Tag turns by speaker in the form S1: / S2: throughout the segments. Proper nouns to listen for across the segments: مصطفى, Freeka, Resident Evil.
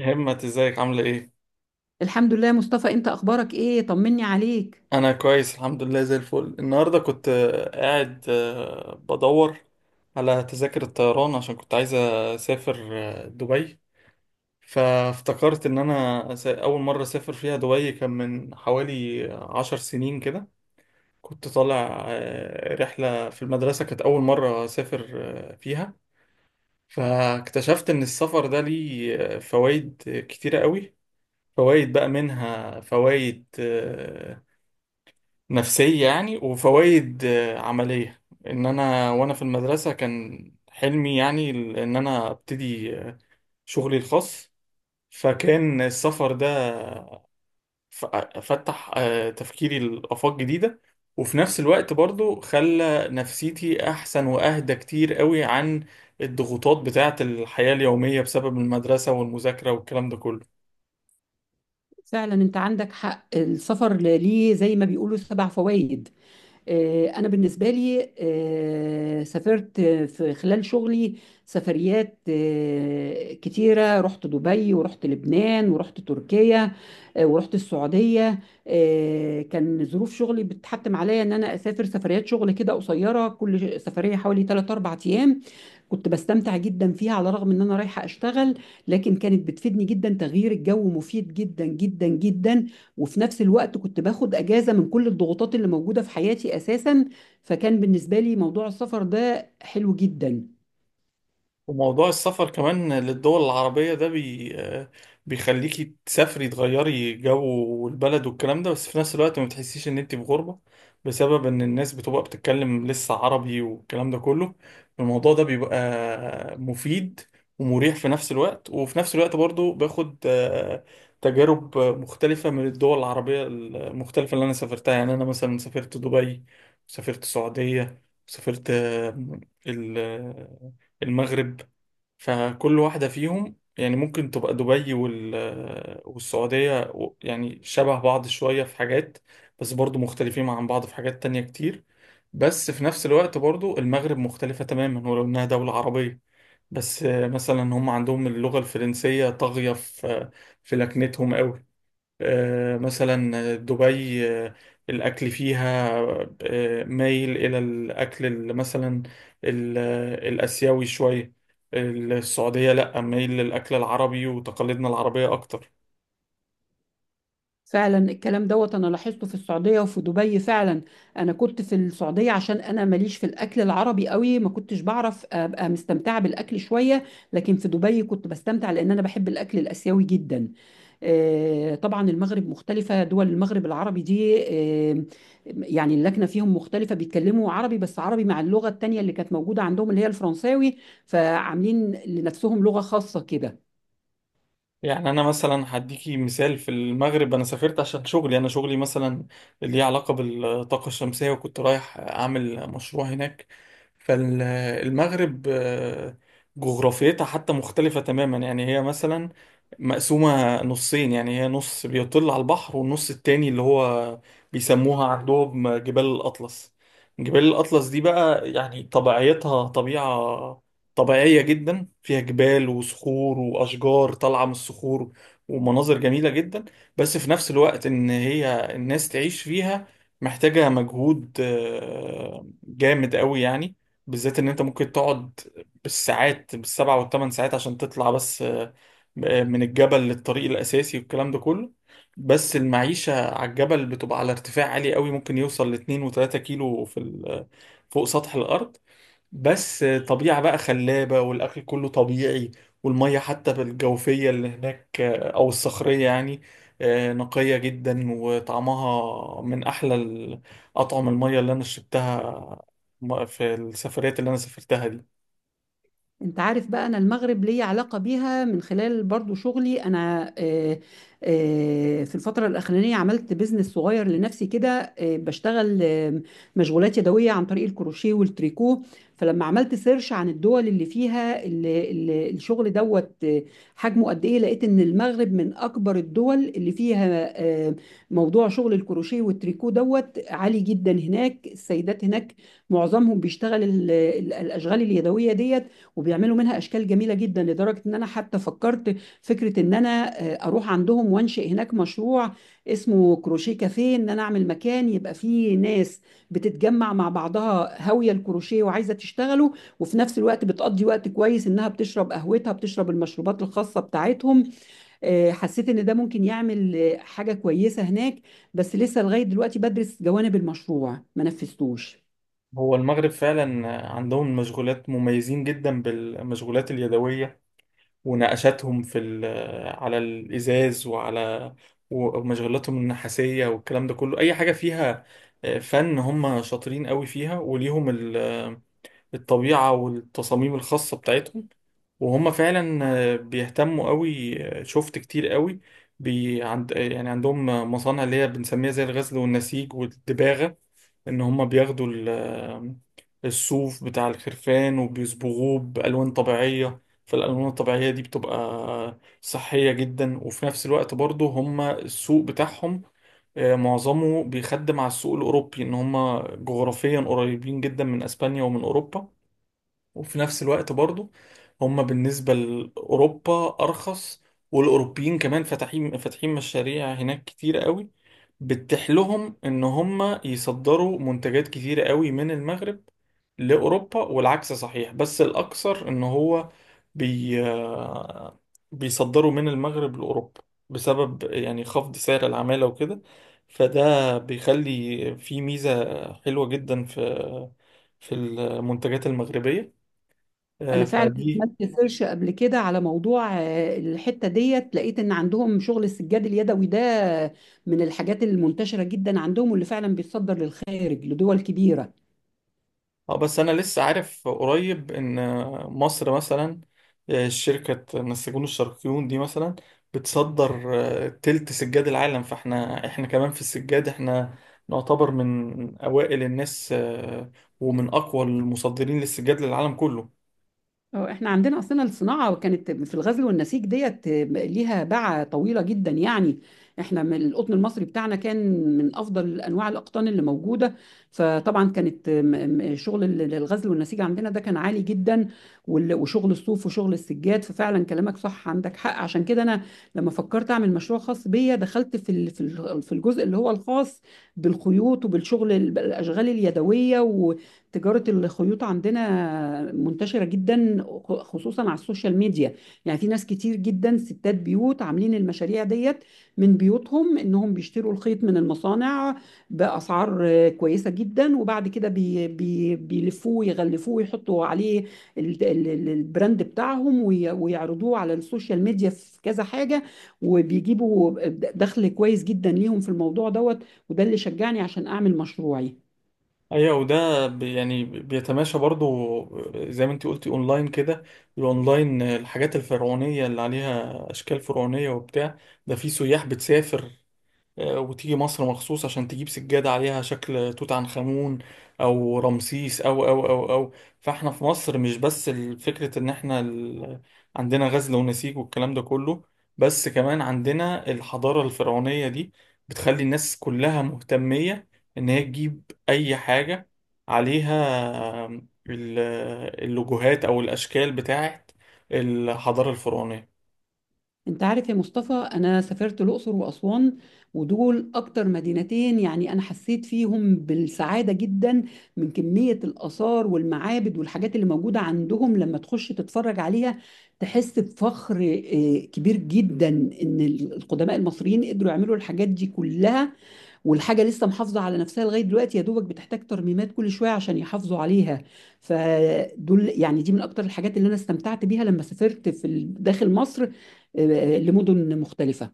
S1: همت ازيك عاملة ايه؟
S2: الحمد لله يا مصطفى، انت اخبارك ايه؟ طمني عليك.
S1: انا كويس الحمد لله، زي الفل. النهاردة كنت قاعد بدور على تذاكر الطيران عشان كنت عايز اسافر دبي. فافتكرت ان انا اول مرة اسافر فيها دبي كان من حوالي 10 سنين كده. كنت طالع رحلة في المدرسة، كانت اول مرة اسافر فيها. فاكتشفت ان السفر ده ليه فوائد كتيرة قوي. فوائد بقى منها فوائد نفسية يعني، وفوائد عملية. ان انا وانا في المدرسة كان حلمي يعني ان انا ابتدي شغلي الخاص. فكان السفر ده ف- فتح تفكيري لآفاق جديدة، وفي نفس الوقت برضو خلى نفسيتي احسن واهدى كتير قوي عن الضغوطات بتاعة الحياة اليومية بسبب المدرسة والمذاكرة والكلام ده كله.
S2: فعلا انت عندك حق، السفر ليه زي ما بيقولوا سبع فوائد. أنا بالنسبة لي سافرت في خلال شغلي سفريات كتيرة. رحت دبي ورحت لبنان ورحت تركيا ورحت السعودية. كان ظروف شغلي بتحتم عليا إن أنا أسافر سفريات شغل كده قصيرة، كل سفرية حوالي 3 4 أيام. كنت بستمتع جدا فيها على الرغم إن أنا رايحة أشتغل، لكن كانت بتفيدني جدا. تغيير الجو مفيد جدا جدا جدا، وفي نفس الوقت كنت باخد اجازه من كل الضغوطات اللي موجوده في حياتي اساسا. فكان بالنسبه لي موضوع السفر ده حلو جدا.
S1: وموضوع السفر كمان للدول العربية ده بي... آه، بيخليكي تسافري، تغيري جو والبلد والكلام ده، بس في نفس الوقت ما بتحسيش ان انت في غربة بسبب ان الناس بتبقى بتتكلم لسه عربي والكلام ده كله. الموضوع ده بيبقى مفيد ومريح في نفس الوقت، وفي نفس الوقت برضو باخد تجارب مختلفة من الدول العربية المختلفة اللي أنا سافرتها. يعني أنا مثلا سافرت دبي، سافرت السعودية، سافرت ال- المغرب. فكل واحدة فيهم يعني ممكن تبقى دبي والسعودية يعني شبه بعض شوية في حاجات، بس برضو مختلفين عن بعض في حاجات تانية كتير. بس في نفس الوقت برضو المغرب مختلفة تماما ولو إنها دولة عربية، بس مثلا هم عندهم اللغة الفرنسية طاغية في لكنتهم قوي. مثلا دبي، الأكل فيها مايل إلى الأكل مثلا ال- الآسيوي شوية. السعودية لأ، مايل للأكل العربي وتقاليدنا العربية أكتر.
S2: فعلا الكلام دوت انا لاحظته في السعوديه وفي دبي. فعلا انا كنت في السعوديه، عشان انا ماليش في الاكل العربي قوي، ما كنتش بعرف ابقى مستمتعه بالاكل شويه. لكن في دبي كنت بستمتع لان انا بحب الاكل الاسيوي جدا. طبعا المغرب مختلفه، دول المغرب العربي دي يعني اللكنه فيهم مختلفه، بيتكلموا عربي، بس عربي مع اللغه التانيه اللي كانت موجوده عندهم اللي هي الفرنساوي. فعاملين لنفسهم لغه خاصه كده.
S1: يعني انا مثلا هديكي مثال، في المغرب انا سافرت عشان شغلي. انا شغلي مثلا اللي ليه علاقه بالطاقه الشمسيه، وكنت رايح اعمل مشروع هناك. فالمغرب جغرافيتها حتى مختلفه تماما. يعني هي مثلا مقسومه نصين، يعني هي نص بيطل على البحر، والنص التاني اللي هو بيسموها عندهم جبال الاطلس. جبال الاطلس دي بقى يعني طبيعتها طبيعه طبيعية جدا، فيها جبال وصخور وأشجار طالعة من الصخور، ومناظر جميلة جدا. بس في نفس الوقت إن هي الناس تعيش فيها محتاجة مجهود جامد قوي يعني، بالذات إن أنت ممكن تقعد بالساعات، بال7 وال8 ساعات عشان تطلع بس من الجبل للطريق الأساسي والكلام ده كله. بس المعيشة على الجبل بتبقى على ارتفاع عالي قوي، ممكن يوصل ل2 و3 كيلو فوق سطح الأرض. بس طبيعة بقى خلابة، والأكل كله طبيعي، والمية حتى بالجوفية اللي هناك أو الصخرية يعني نقية جدا، وطعمها من أحلى أطعم المية اللي أنا شربتها في السفريات اللي أنا سافرتها دي.
S2: انت عارف بقى، انا المغرب ليا علاقة بيها من خلال برضو شغلي انا. في الفترة الاخرانية عملت بيزنس صغير لنفسي كده، بشتغل مشغولات يدوية عن طريق الكروشيه والتريكو. فلما عملت سيرش عن الدول اللي فيها الشغل دوت حجمه قد ايه، لقيت ان المغرب من اكبر الدول اللي فيها آه، موضوع شغل الكروشيه والتريكو دوت عالي جدا هناك. السيدات هناك معظمهم بيشتغل الاشغال اليدوية ديت، وبيعملوا منها اشكال جميله جدا، لدرجه ان انا حتى فكرت فكره ان انا اروح عندهم وانشئ هناك مشروع اسمه كروشيه كافيه، ان انا اعمل مكان يبقى فيه ناس بتتجمع مع بعضها هاويه الكروشيه وعايزه تشتغلوا، وفي نفس الوقت بتقضي وقت كويس انها بتشرب قهوتها بتشرب المشروبات الخاصه بتاعتهم. حسيت ان ده ممكن يعمل حاجه كويسه هناك، بس لسه لغايه دلوقتي بدرس جوانب المشروع، ما نفذتوش.
S1: هو المغرب فعلا عندهم مشغولات، مميزين جدا بالمشغولات اليدوية ونقشاتهم في على الإزاز وعلى ومشغلاتهم النحاسية والكلام ده كله. أي حاجة فيها فن هم شاطرين قوي فيها، وليهم الطبيعة والتصاميم الخاصة بتاعتهم. وهم فعلا بيهتموا قوي. شفت كتير قوي بي عند آه، يعني عندهم مصانع اللي هي بنسميها زي الغزل والنسيج والدباغة. ان هم بياخدوا الصوف بتاع الخرفان وبيصبغوه بألوان طبيعية، فالألوان الطبيعية دي بتبقى صحية جدا. وفي نفس الوقت برضو هم السوق بتاعهم معظمه بيخدم على السوق الأوروبي، إن هم جغرافيا قريبين جدا من أسبانيا ومن أوروبا. وفي نفس الوقت برضو هم بالنسبة لأوروبا أرخص، والأوروبيين كمان فاتحين مشاريع هناك كتير قوي، بتتيح لهم إن هم يصدروا منتجات كتير قوي من المغرب لأوروبا. والعكس صحيح، بس الأكثر إن هو بي بيصدروا من المغرب لأوروبا بسبب يعني خفض سعر العمالة وكده. فده بيخلي في ميزة حلوة جدا في في المنتجات المغربية
S2: انا فعلا
S1: فدي.
S2: عملت سيرش قبل كده على موضوع الحته ديت، لقيت ان عندهم شغل السجاد اليدوي ده من الحاجات المنتشره جدا عندهم، واللي فعلا بيتصدر للخارج لدول كبيره.
S1: اه بس انا لسه عارف قريب ان مصر مثلا، شركة نسيجون الشرقيون دي مثلا بتصدر تلت سجاد العالم. فاحنا، احنا كمان في السجاد، احنا نعتبر من اوائل الناس ومن اقوى المصدرين للسجاد للعالم كله.
S2: اه، احنا عندنا اصلا الصناعه كانت في الغزل والنسيج، ديت ليها باعة طويله جدا يعني. احنا من القطن المصري بتاعنا، كان من افضل انواع الاقطان اللي موجوده. فطبعا كانت شغل الغزل والنسيج عندنا ده كان عالي جدا، وشغل الصوف وشغل السجاد. ففعلا كلامك صح، عندك حق. عشان كده انا لما فكرت اعمل مشروع خاص بيا، دخلت في في الجزء اللي هو الخاص بالخيوط وبالشغل الاشغال اليدويه. تجارة الخيوط عندنا منتشرة جدا، خصوصا على السوشيال ميديا. يعني في ناس كتير جدا ستات بيوت عاملين المشاريع ديت من بيوتهم، انهم بيشتروا الخيط من المصانع بأسعار كويسة جدا، وبعد كده بي بي بيلفوه يغلفوه ويحطوا عليه البراند بتاعهم ويعرضوه على السوشيال ميديا في كذا حاجة، وبيجيبوا دخل كويس جدا ليهم في الموضوع دوت. وده اللي شجعني عشان اعمل مشروعي.
S1: ايوه، وده يعني بيتماشى برضو زي ما انت قلتي اونلاين كده. الاونلاين الحاجات الفرعونية اللي عليها اشكال فرعونية وبتاع، ده في سياح بتسافر وتيجي مصر مخصوص عشان تجيب سجادة عليها شكل توت عنخ آمون أو رمسيس أو أو أو أو فاحنا في مصر مش بس فكرة إن احنا عندنا غزل ونسيج والكلام ده كله، بس كمان عندنا الحضارة الفرعونية دي بتخلي الناس كلها مهتمية إن هي تجيب أي حاجة عليها ال- اللوجوهات أو الأشكال بتاعت الحضارة الفرعونية.
S2: انت عارف يا مصطفى، انا سافرت الاقصر واسوان، ودول اكتر مدينتين يعني انا حسيت فيهم بالسعاده جدا، من كميه الاثار والمعابد والحاجات اللي موجوده عندهم. لما تخش تتفرج عليها تحس بفخر كبير جدا، ان القدماء المصريين قدروا يعملوا الحاجات دي كلها، والحاجة لسه محافظة على نفسها لغاية دلوقتي، يا دوبك بتحتاج ترميمات كل شوية عشان يحافظوا عليها. فدول يعني دي من أكتر الحاجات اللي أنا استمتعت بيها لما سافرت في داخل مصر آه، لمدن مختلفة.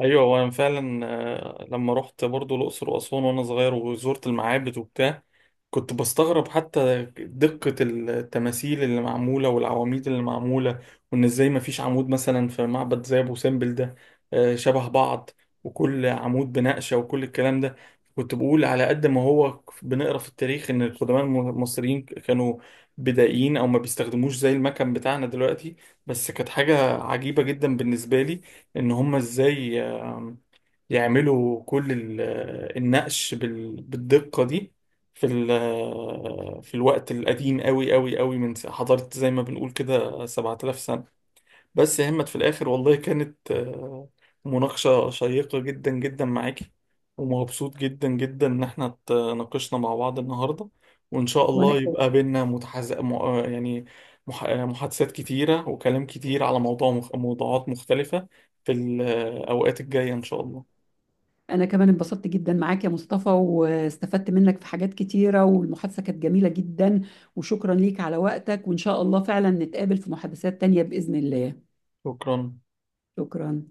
S1: ايوه، وانا فعلا لما رحت برضو الاقصر واسوان وانا صغير، وزرت المعابد وبتاع، كنت بستغرب حتى دقة التماثيل اللي معمولة والعواميد اللي معمولة. وان ازاي ما فيش عمود مثلا في معبد زي ابو سمبل ده شبه بعض، وكل عمود بنقشة وكل الكلام ده. كنت بقول على قد ما هو بنقرا في التاريخ ان القدماء المصريين كانوا بدائيين او ما بيستخدموش زي المكن بتاعنا دلوقتي، بس كانت حاجة عجيبة جدا بالنسبة لي ان هم ازاي يعملوا كل النقش بالدقة دي في في الوقت القديم قوي قوي قوي من حضارة، زي ما بنقول كده 7000 سنة. بس يا همت، في الآخر والله كانت مناقشة شيقة جدا جدا معاكي، ومبسوط جدا جدا إن احنا اتناقشنا مع بعض النهاردة. وإن شاء
S2: وانا
S1: الله
S2: ك-
S1: يبقى بينا متحز... م... آه، يعني مح... آه، محادثات كتيرة وكلام كتير على موضوعات مختلفة في الأوقات الجاية إن شاء الله.
S2: انا كمان انبسطت جدا معاك يا مصطفى، واستفدت منك في حاجات كتيرة، والمحادثة كانت جميلة جدا. وشكرا ليك على وقتك، وان شاء الله فعلا نتقابل في محادثات تانية بإذن الله.
S1: شكرا.
S2: شكرا.